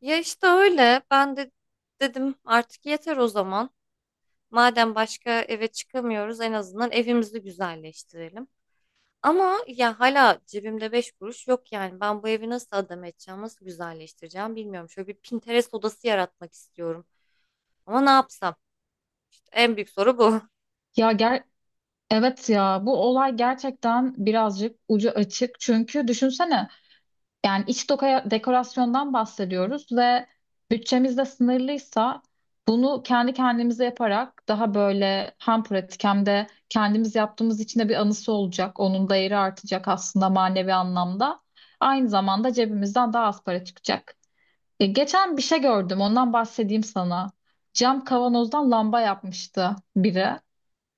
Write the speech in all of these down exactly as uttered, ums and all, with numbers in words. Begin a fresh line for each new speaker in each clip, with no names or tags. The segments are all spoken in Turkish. Ya işte öyle. Ben de dedim artık yeter o zaman. Madem başka eve çıkamıyoruz en azından evimizi güzelleştirelim. Ama ya hala cebimde beş kuruş yok yani. Ben bu evi nasıl adam edeceğim, nasıl güzelleştireceğim bilmiyorum. Şöyle bir Pinterest odası yaratmak istiyorum. Ama ne yapsam? En büyük soru bu.
Ya ger evet ya bu olay gerçekten birazcık ucu açık. Çünkü düşünsene yani iç doka dekorasyondan bahsediyoruz ve bütçemiz de sınırlıysa bunu kendi kendimize yaparak daha böyle hem pratik hem de kendimiz yaptığımız için de bir anısı olacak. Onun değeri artacak aslında manevi anlamda. Aynı zamanda cebimizden daha az para çıkacak. E, geçen bir şey gördüm ondan bahsedeyim sana. Cam kavanozdan lamba yapmıştı biri.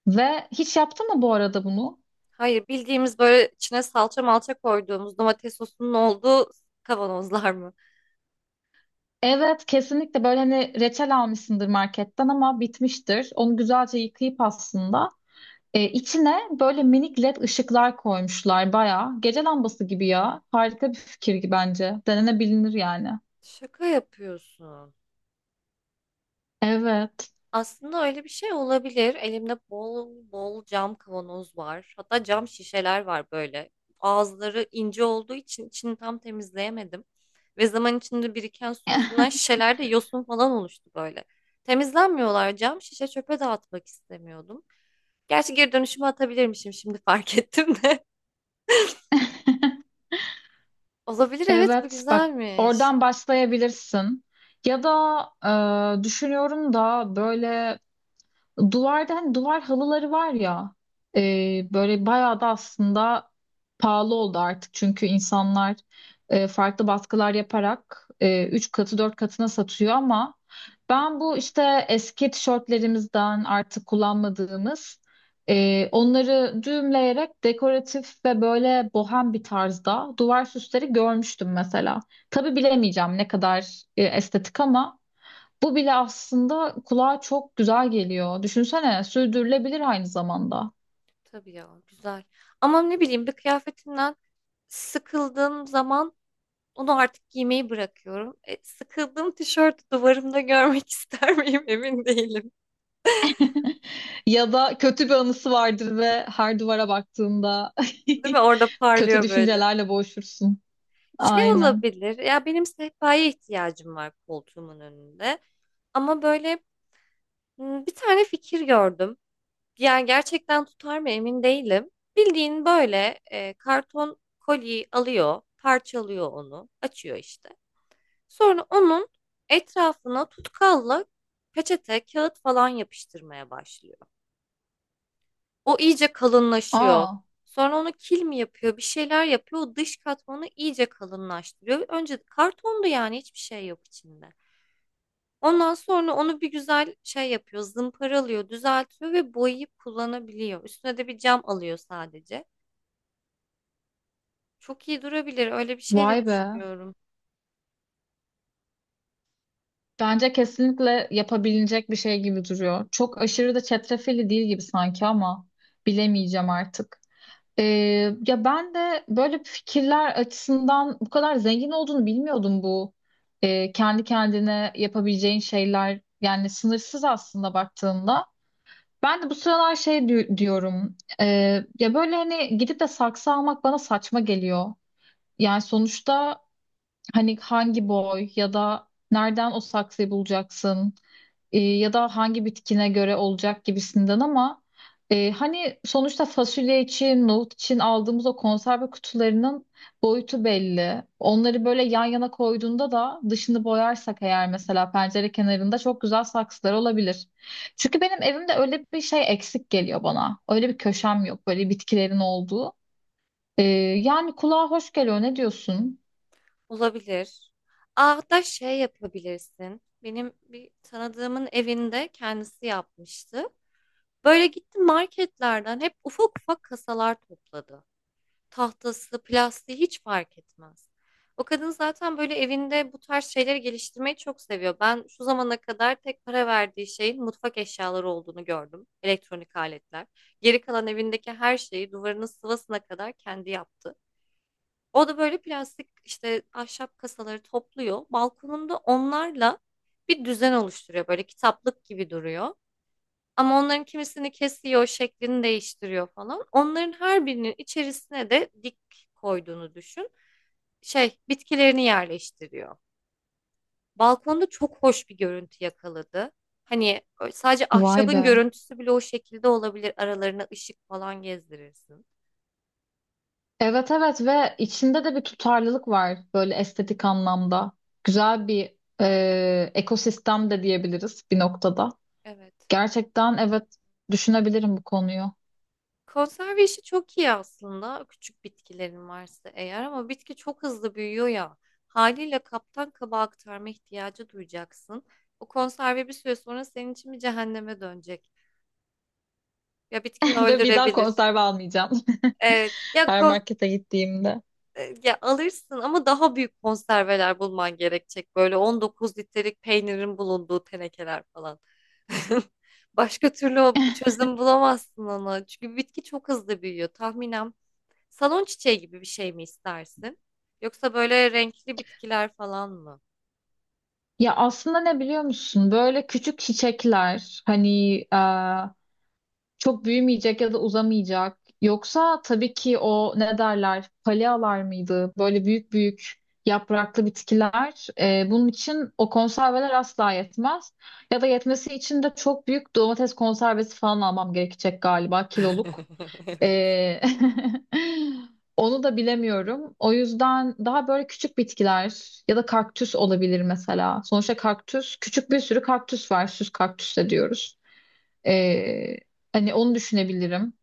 Ve hiç yaptın mı bu arada bunu?
Hayır, bildiğimiz böyle içine salça malça koyduğumuz domates sosunun olduğu kavanozlar mı?
Evet, kesinlikle böyle hani reçel almışsındır marketten ama bitmiştir. Onu güzelce yıkayıp aslında e, içine böyle minik led ışıklar koymuşlar bayağı gece lambası gibi ya. Harika bir fikir gibi bence. Denenebilir yani.
Şaka yapıyorsun.
Evet.
Aslında öyle bir şey olabilir. Elimde bol bol cam kavanoz var. Hatta cam şişeler var böyle. Ağızları ince olduğu için içini tam temizleyemedim. Ve zaman içinde biriken su yüzünden şişelerde yosun falan oluştu böyle. Temizlenmiyorlar, cam şişe çöpe dağıtmak istemiyordum. Gerçi geri dönüşüme atabilirmişim, şimdi fark ettim de. Olabilir, evet, bu
Evet, bak
güzelmiş.
oradan başlayabilirsin. Ya da e, düşünüyorum da böyle duvarda hani duvar halıları var ya e, böyle bayağı da aslında pahalı oldu artık. Çünkü insanlar e, farklı baskılar yaparak e, üç katı dört katına satıyor ama ben bu işte eski tişörtlerimizden artık kullanmadığımız e, onları düğümleyerek dekoratif ve böyle bohem bir tarzda duvar süsleri görmüştüm mesela. Tabii bilemeyeceğim ne kadar e, estetik ama bu bile aslında kulağa çok güzel geliyor. Düşünsene, sürdürülebilir aynı zamanda.
Tabii ya, güzel. Ama ne bileyim, bir kıyafetimden sıkıldığım zaman Onu artık giymeyi bırakıyorum. E, sıkıldığım tişörtü duvarımda görmek ister miyim emin değilim.
Ya da kötü bir anısı vardır ve her duvara baktığında
Değil mi? Orada
kötü
parlıyor böyle.
düşüncelerle boğuşursun.
Şey
Aynen.
olabilir. Ya benim sehpaya ihtiyacım var koltuğumun önünde. Ama böyle m, bir tane fikir gördüm. Yani gerçekten tutar mı emin değilim. Bildiğin böyle e, karton kolyeyi alıyor, parçalıyor onu, açıyor işte. Sonra onun etrafına tutkalla peçete, kağıt falan yapıştırmaya başlıyor. O iyice kalınlaşıyor.
Aa,
Sonra onu kil mi yapıyor, bir şeyler yapıyor. O dış katmanı iyice kalınlaştırıyor. Önce kartondu yani, hiçbir şey yok içinde. Ondan sonra onu bir güzel şey yapıyor, zımparalıyor, düzeltiyor ve boyayıp kullanabiliyor. Üstüne de bir cam alıyor sadece. Çok iyi durabilir. Öyle bir şey de
vay be.
düşünüyorum.
Bence kesinlikle yapabilecek bir şey gibi duruyor. Çok aşırı da çetrefilli değil gibi sanki ama bilemeyeceğim artık. Ee, ya ben de böyle fikirler açısından bu kadar zengin olduğunu bilmiyordum bu. Ee, kendi kendine yapabileceğin şeyler yani sınırsız aslında baktığında. Ben de bu sıralar şey di- diyorum. ee, ya böyle hani gidip de saksı almak bana saçma geliyor. Yani sonuçta hani hangi boy ya da nereden o saksıyı bulacaksın e, ya da hangi bitkine göre olacak gibisinden ama e, hani sonuçta fasulye için, nohut için aldığımız o konserve kutularının boyutu belli. Onları böyle yan yana koyduğunda da dışını boyarsak eğer mesela pencere kenarında çok güzel saksılar olabilir. Çünkü benim evimde öyle bir şey eksik geliyor bana. Öyle bir köşem yok böyle bitkilerin olduğu. E, Yani kulağa hoş geliyor ne diyorsun?
Olabilir. Aa, hatta şey yapabilirsin. Benim bir tanıdığımın evinde kendisi yapmıştı. Böyle gitti, marketlerden hep ufak ufak kasalar topladı. tahtası, plastiği hiç fark etmez. O kadın zaten böyle evinde bu tarz şeyleri geliştirmeyi çok seviyor. Ben şu zamana kadar tek para verdiği şeyin mutfak eşyaları olduğunu gördüm. Elektronik aletler. Geri kalan evindeki her şeyi, duvarının sıvasına kadar, kendi yaptı. O da böyle plastik işte, ahşap kasaları topluyor. Balkonunda onlarla bir düzen oluşturuyor. Böyle kitaplık gibi duruyor. Ama onların kimisini kesiyor, şeklini değiştiriyor falan. Onların her birinin içerisine de dik koyduğunu düşün. Şey, bitkilerini yerleştiriyor. Balkonda çok hoş bir görüntü yakaladı. Hani sadece
Vay
ahşabın
be.
görüntüsü bile o şekilde olabilir. Aralarına ışık falan gezdirirsin.
Evet, evet, ve içinde de bir tutarlılık var böyle estetik anlamda. Güzel bir e, ekosistem de diyebiliriz bir noktada.
Evet.
Gerçekten, evet, düşünebilirim bu konuyu.
Konserve işi çok iyi aslında, küçük bitkilerin varsa eğer, ama bitki çok hızlı büyüyor ya, haliyle kaptan kaba aktarma ihtiyacı duyacaksın. O konserve bir süre sonra senin için bir cehenneme dönecek. Ya bitkini
Ve bir daha
öldürebilir.
konserve almayacağım
Evet. Ya,
her
kon-
markete gittiğimde.
e, ya alırsın ama daha büyük konserveler bulman gerekecek. Böyle on dokuz litrelik peynirin bulunduğu tenekeler falan. Başka türlü o çözüm bulamazsın ona. Çünkü bitki çok hızlı büyüyor. Tahminen Salon çiçeği gibi bir şey mi istersin? Yoksa böyle renkli bitkiler falan mı?
Ya aslında ne biliyor musun? Böyle küçük çiçekler hani e, çok büyümeyecek ya da uzamayacak. Yoksa tabii ki o ne derler? Palyalar mıydı? Böyle büyük büyük yapraklı bitkiler. E, bunun için o konserveler asla yetmez. Ya da yetmesi için de çok büyük domates konservesi falan almam gerekecek galiba kiloluk. Ee, Onu da bilemiyorum. O yüzden daha böyle küçük bitkiler ya da kaktüs olabilir mesela. Sonuçta kaktüs, küçük bir sürü kaktüs var. Süs kaktüs de diyoruz. Ee, hani onu düşünebilirim.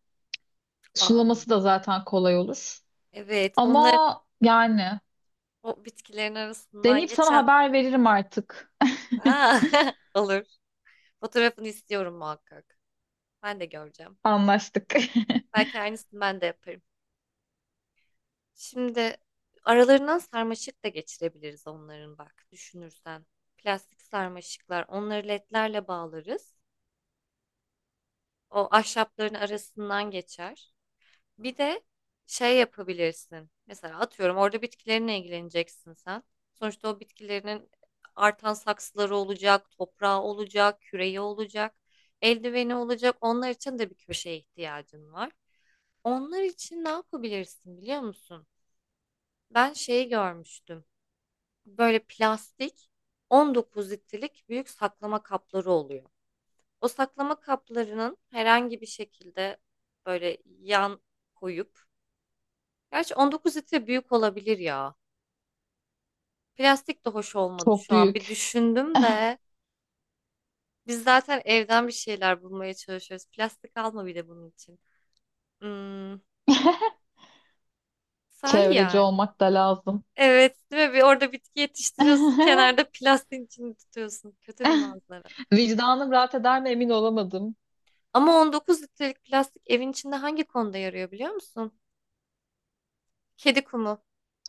Aa,
Sulaması da zaten kolay olur.
evet, onlar
Ama yani
o bitkilerin arasından
deneyip sana
geçen.
haber veririm artık.
Aa, olur. Fotoğrafını istiyorum muhakkak. Ben de göreceğim.
Anlaştık.
Belki aynısını ben de yaparım. Şimdi aralarından sarmaşık da geçirebiliriz onların, bak düşünürsen. Plastik sarmaşıklar, onları ledlerle bağlarız. O ahşapların arasından geçer. Bir de şey yapabilirsin. Mesela atıyorum, orada bitkilerine ilgileneceksin sen. Sonuçta o bitkilerinin artan saksıları olacak, toprağı olacak, küreği olacak, eldiveni olacak. Onlar için de bir köşeye ihtiyacın var. Onlar için ne yapabilirsin biliyor musun? Ben şeyi görmüştüm. Böyle plastik on dokuz litrelik büyük saklama kapları oluyor. O saklama kaplarının herhangi bir şekilde böyle yan koyup. Gerçi on dokuz litre büyük olabilir ya. Plastik de hoş olmadı
Çok
şu an. Bir
büyük.
düşündüm de biz zaten evden bir şeyler bulmaya çalışıyoruz. Plastik alma bir de bunun için. Hmm, sahi
Çevreci
yani.
olmak da lazım.
Evet, değil mi? Bir orada bitki yetiştiriyorsun, kenarda plastiğin içini tutuyorsun. Kötü bir manzara.
Vicdanım rahat eder mi emin olamadım.
Ama on dokuz litrelik plastik evin içinde hangi konuda yarıyor biliyor musun? Kedi kumu.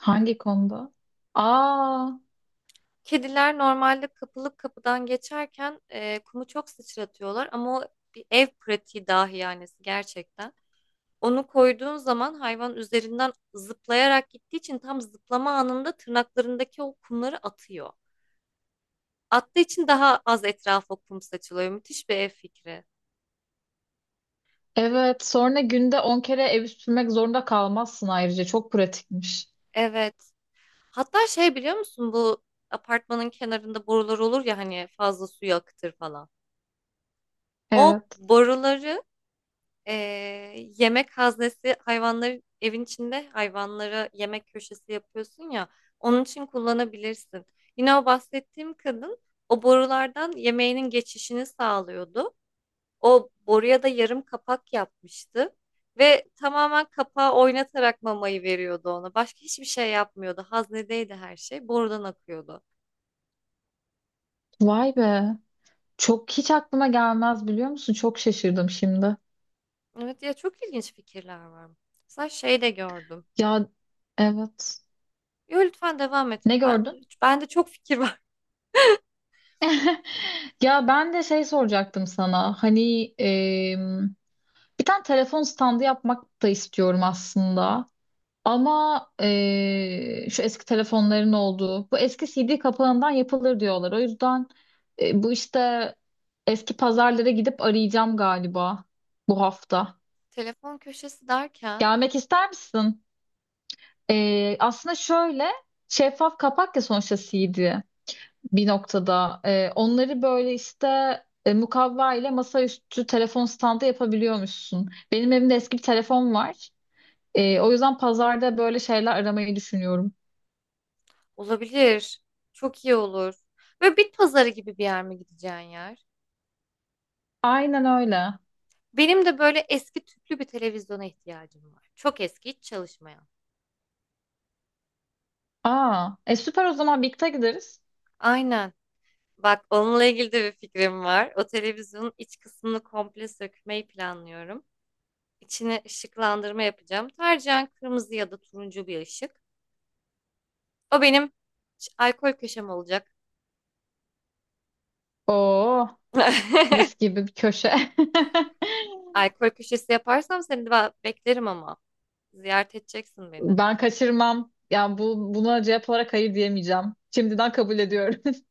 Hangi konuda? Aa,
Kediler normalde kapılıp kapıdan geçerken e, kumu çok sıçratıyorlar, ama o bir ev pratiği dahi yani gerçekten. Onu koyduğun zaman hayvan üzerinden zıplayarak gittiği için, tam zıplama anında tırnaklarındaki o kumları atıyor. Attığı için daha az etrafa kum saçılıyor. Müthiş bir ev fikri.
evet. Sonra günde on kere evi süpürmek zorunda kalmazsın ayrıca. Çok pratikmiş.
Evet. Hatta şey biliyor musun, bu apartmanın kenarında borular olur ya hani, fazla suyu akıtır falan. O
Evet.
boruları Ee, yemek haznesi, hayvanları evin içinde, hayvanlara yemek köşesi yapıyorsun ya, onun için kullanabilirsin. Yine o bahsettiğim kadın o borulardan yemeğinin geçişini sağlıyordu. O boruya da yarım kapak yapmıştı ve tamamen kapağı oynatarak mamayı veriyordu ona. Başka hiçbir şey yapmıyordu. Haznedeydi her şey. Borudan akıyordu.
Vay be. Çok hiç aklıma gelmez biliyor musun? Çok şaşırdım şimdi.
Evet ya, çok ilginç fikirler var. Mesela şey de gördüm.
Ya, evet.
Yo, lütfen devam et.
Ne
Ben,
gördün?
ben de çok fikir var.
Ya ben de şey soracaktım sana. Hani em, bir tane telefon standı yapmak da istiyorum aslında. Ama eee, şu eski telefonların olduğu, bu eski C D kapağından yapılır diyorlar. O yüzden e, bu işte eski pazarlara gidip arayacağım galiba bu hafta.
Telefon köşesi derken,
Gelmek ister misin? Eee, aslında şöyle şeffaf kapak ya sonuçta C D bir noktada. Eee, onları böyle işte e, mukavva ile masaüstü telefon standı yapabiliyormuşsun. Benim evimde eski bir telefon var. Eee, o yüzden pazarda böyle şeyler aramayı düşünüyorum.
olabilir. Çok iyi olur. Böyle bit pazarı gibi bir yer mi gideceğin yer?
Aynen öyle.
Benim de böyle eski tüplü bir televizyona ihtiyacım var. Çok eski, hiç çalışmayan.
Aa, e süper, o zaman birlikte gideriz.
Aynen. Bak onunla ilgili de bir fikrim var. O televizyonun iç kısmını komple sökmeyi planlıyorum. İçine ışıklandırma yapacağım. Tercihen kırmızı ya da turuncu bir ışık. O benim ş- alkol köşem olacak.
Oo, mis gibi bir köşe.
Alkol köşesi yaparsam seni de ba- beklerim ama. Ziyaret edeceksin beni.
Ben kaçırmam. Yani bu buna cevap olarak hayır diyemeyeceğim. Şimdiden kabul ediyorum.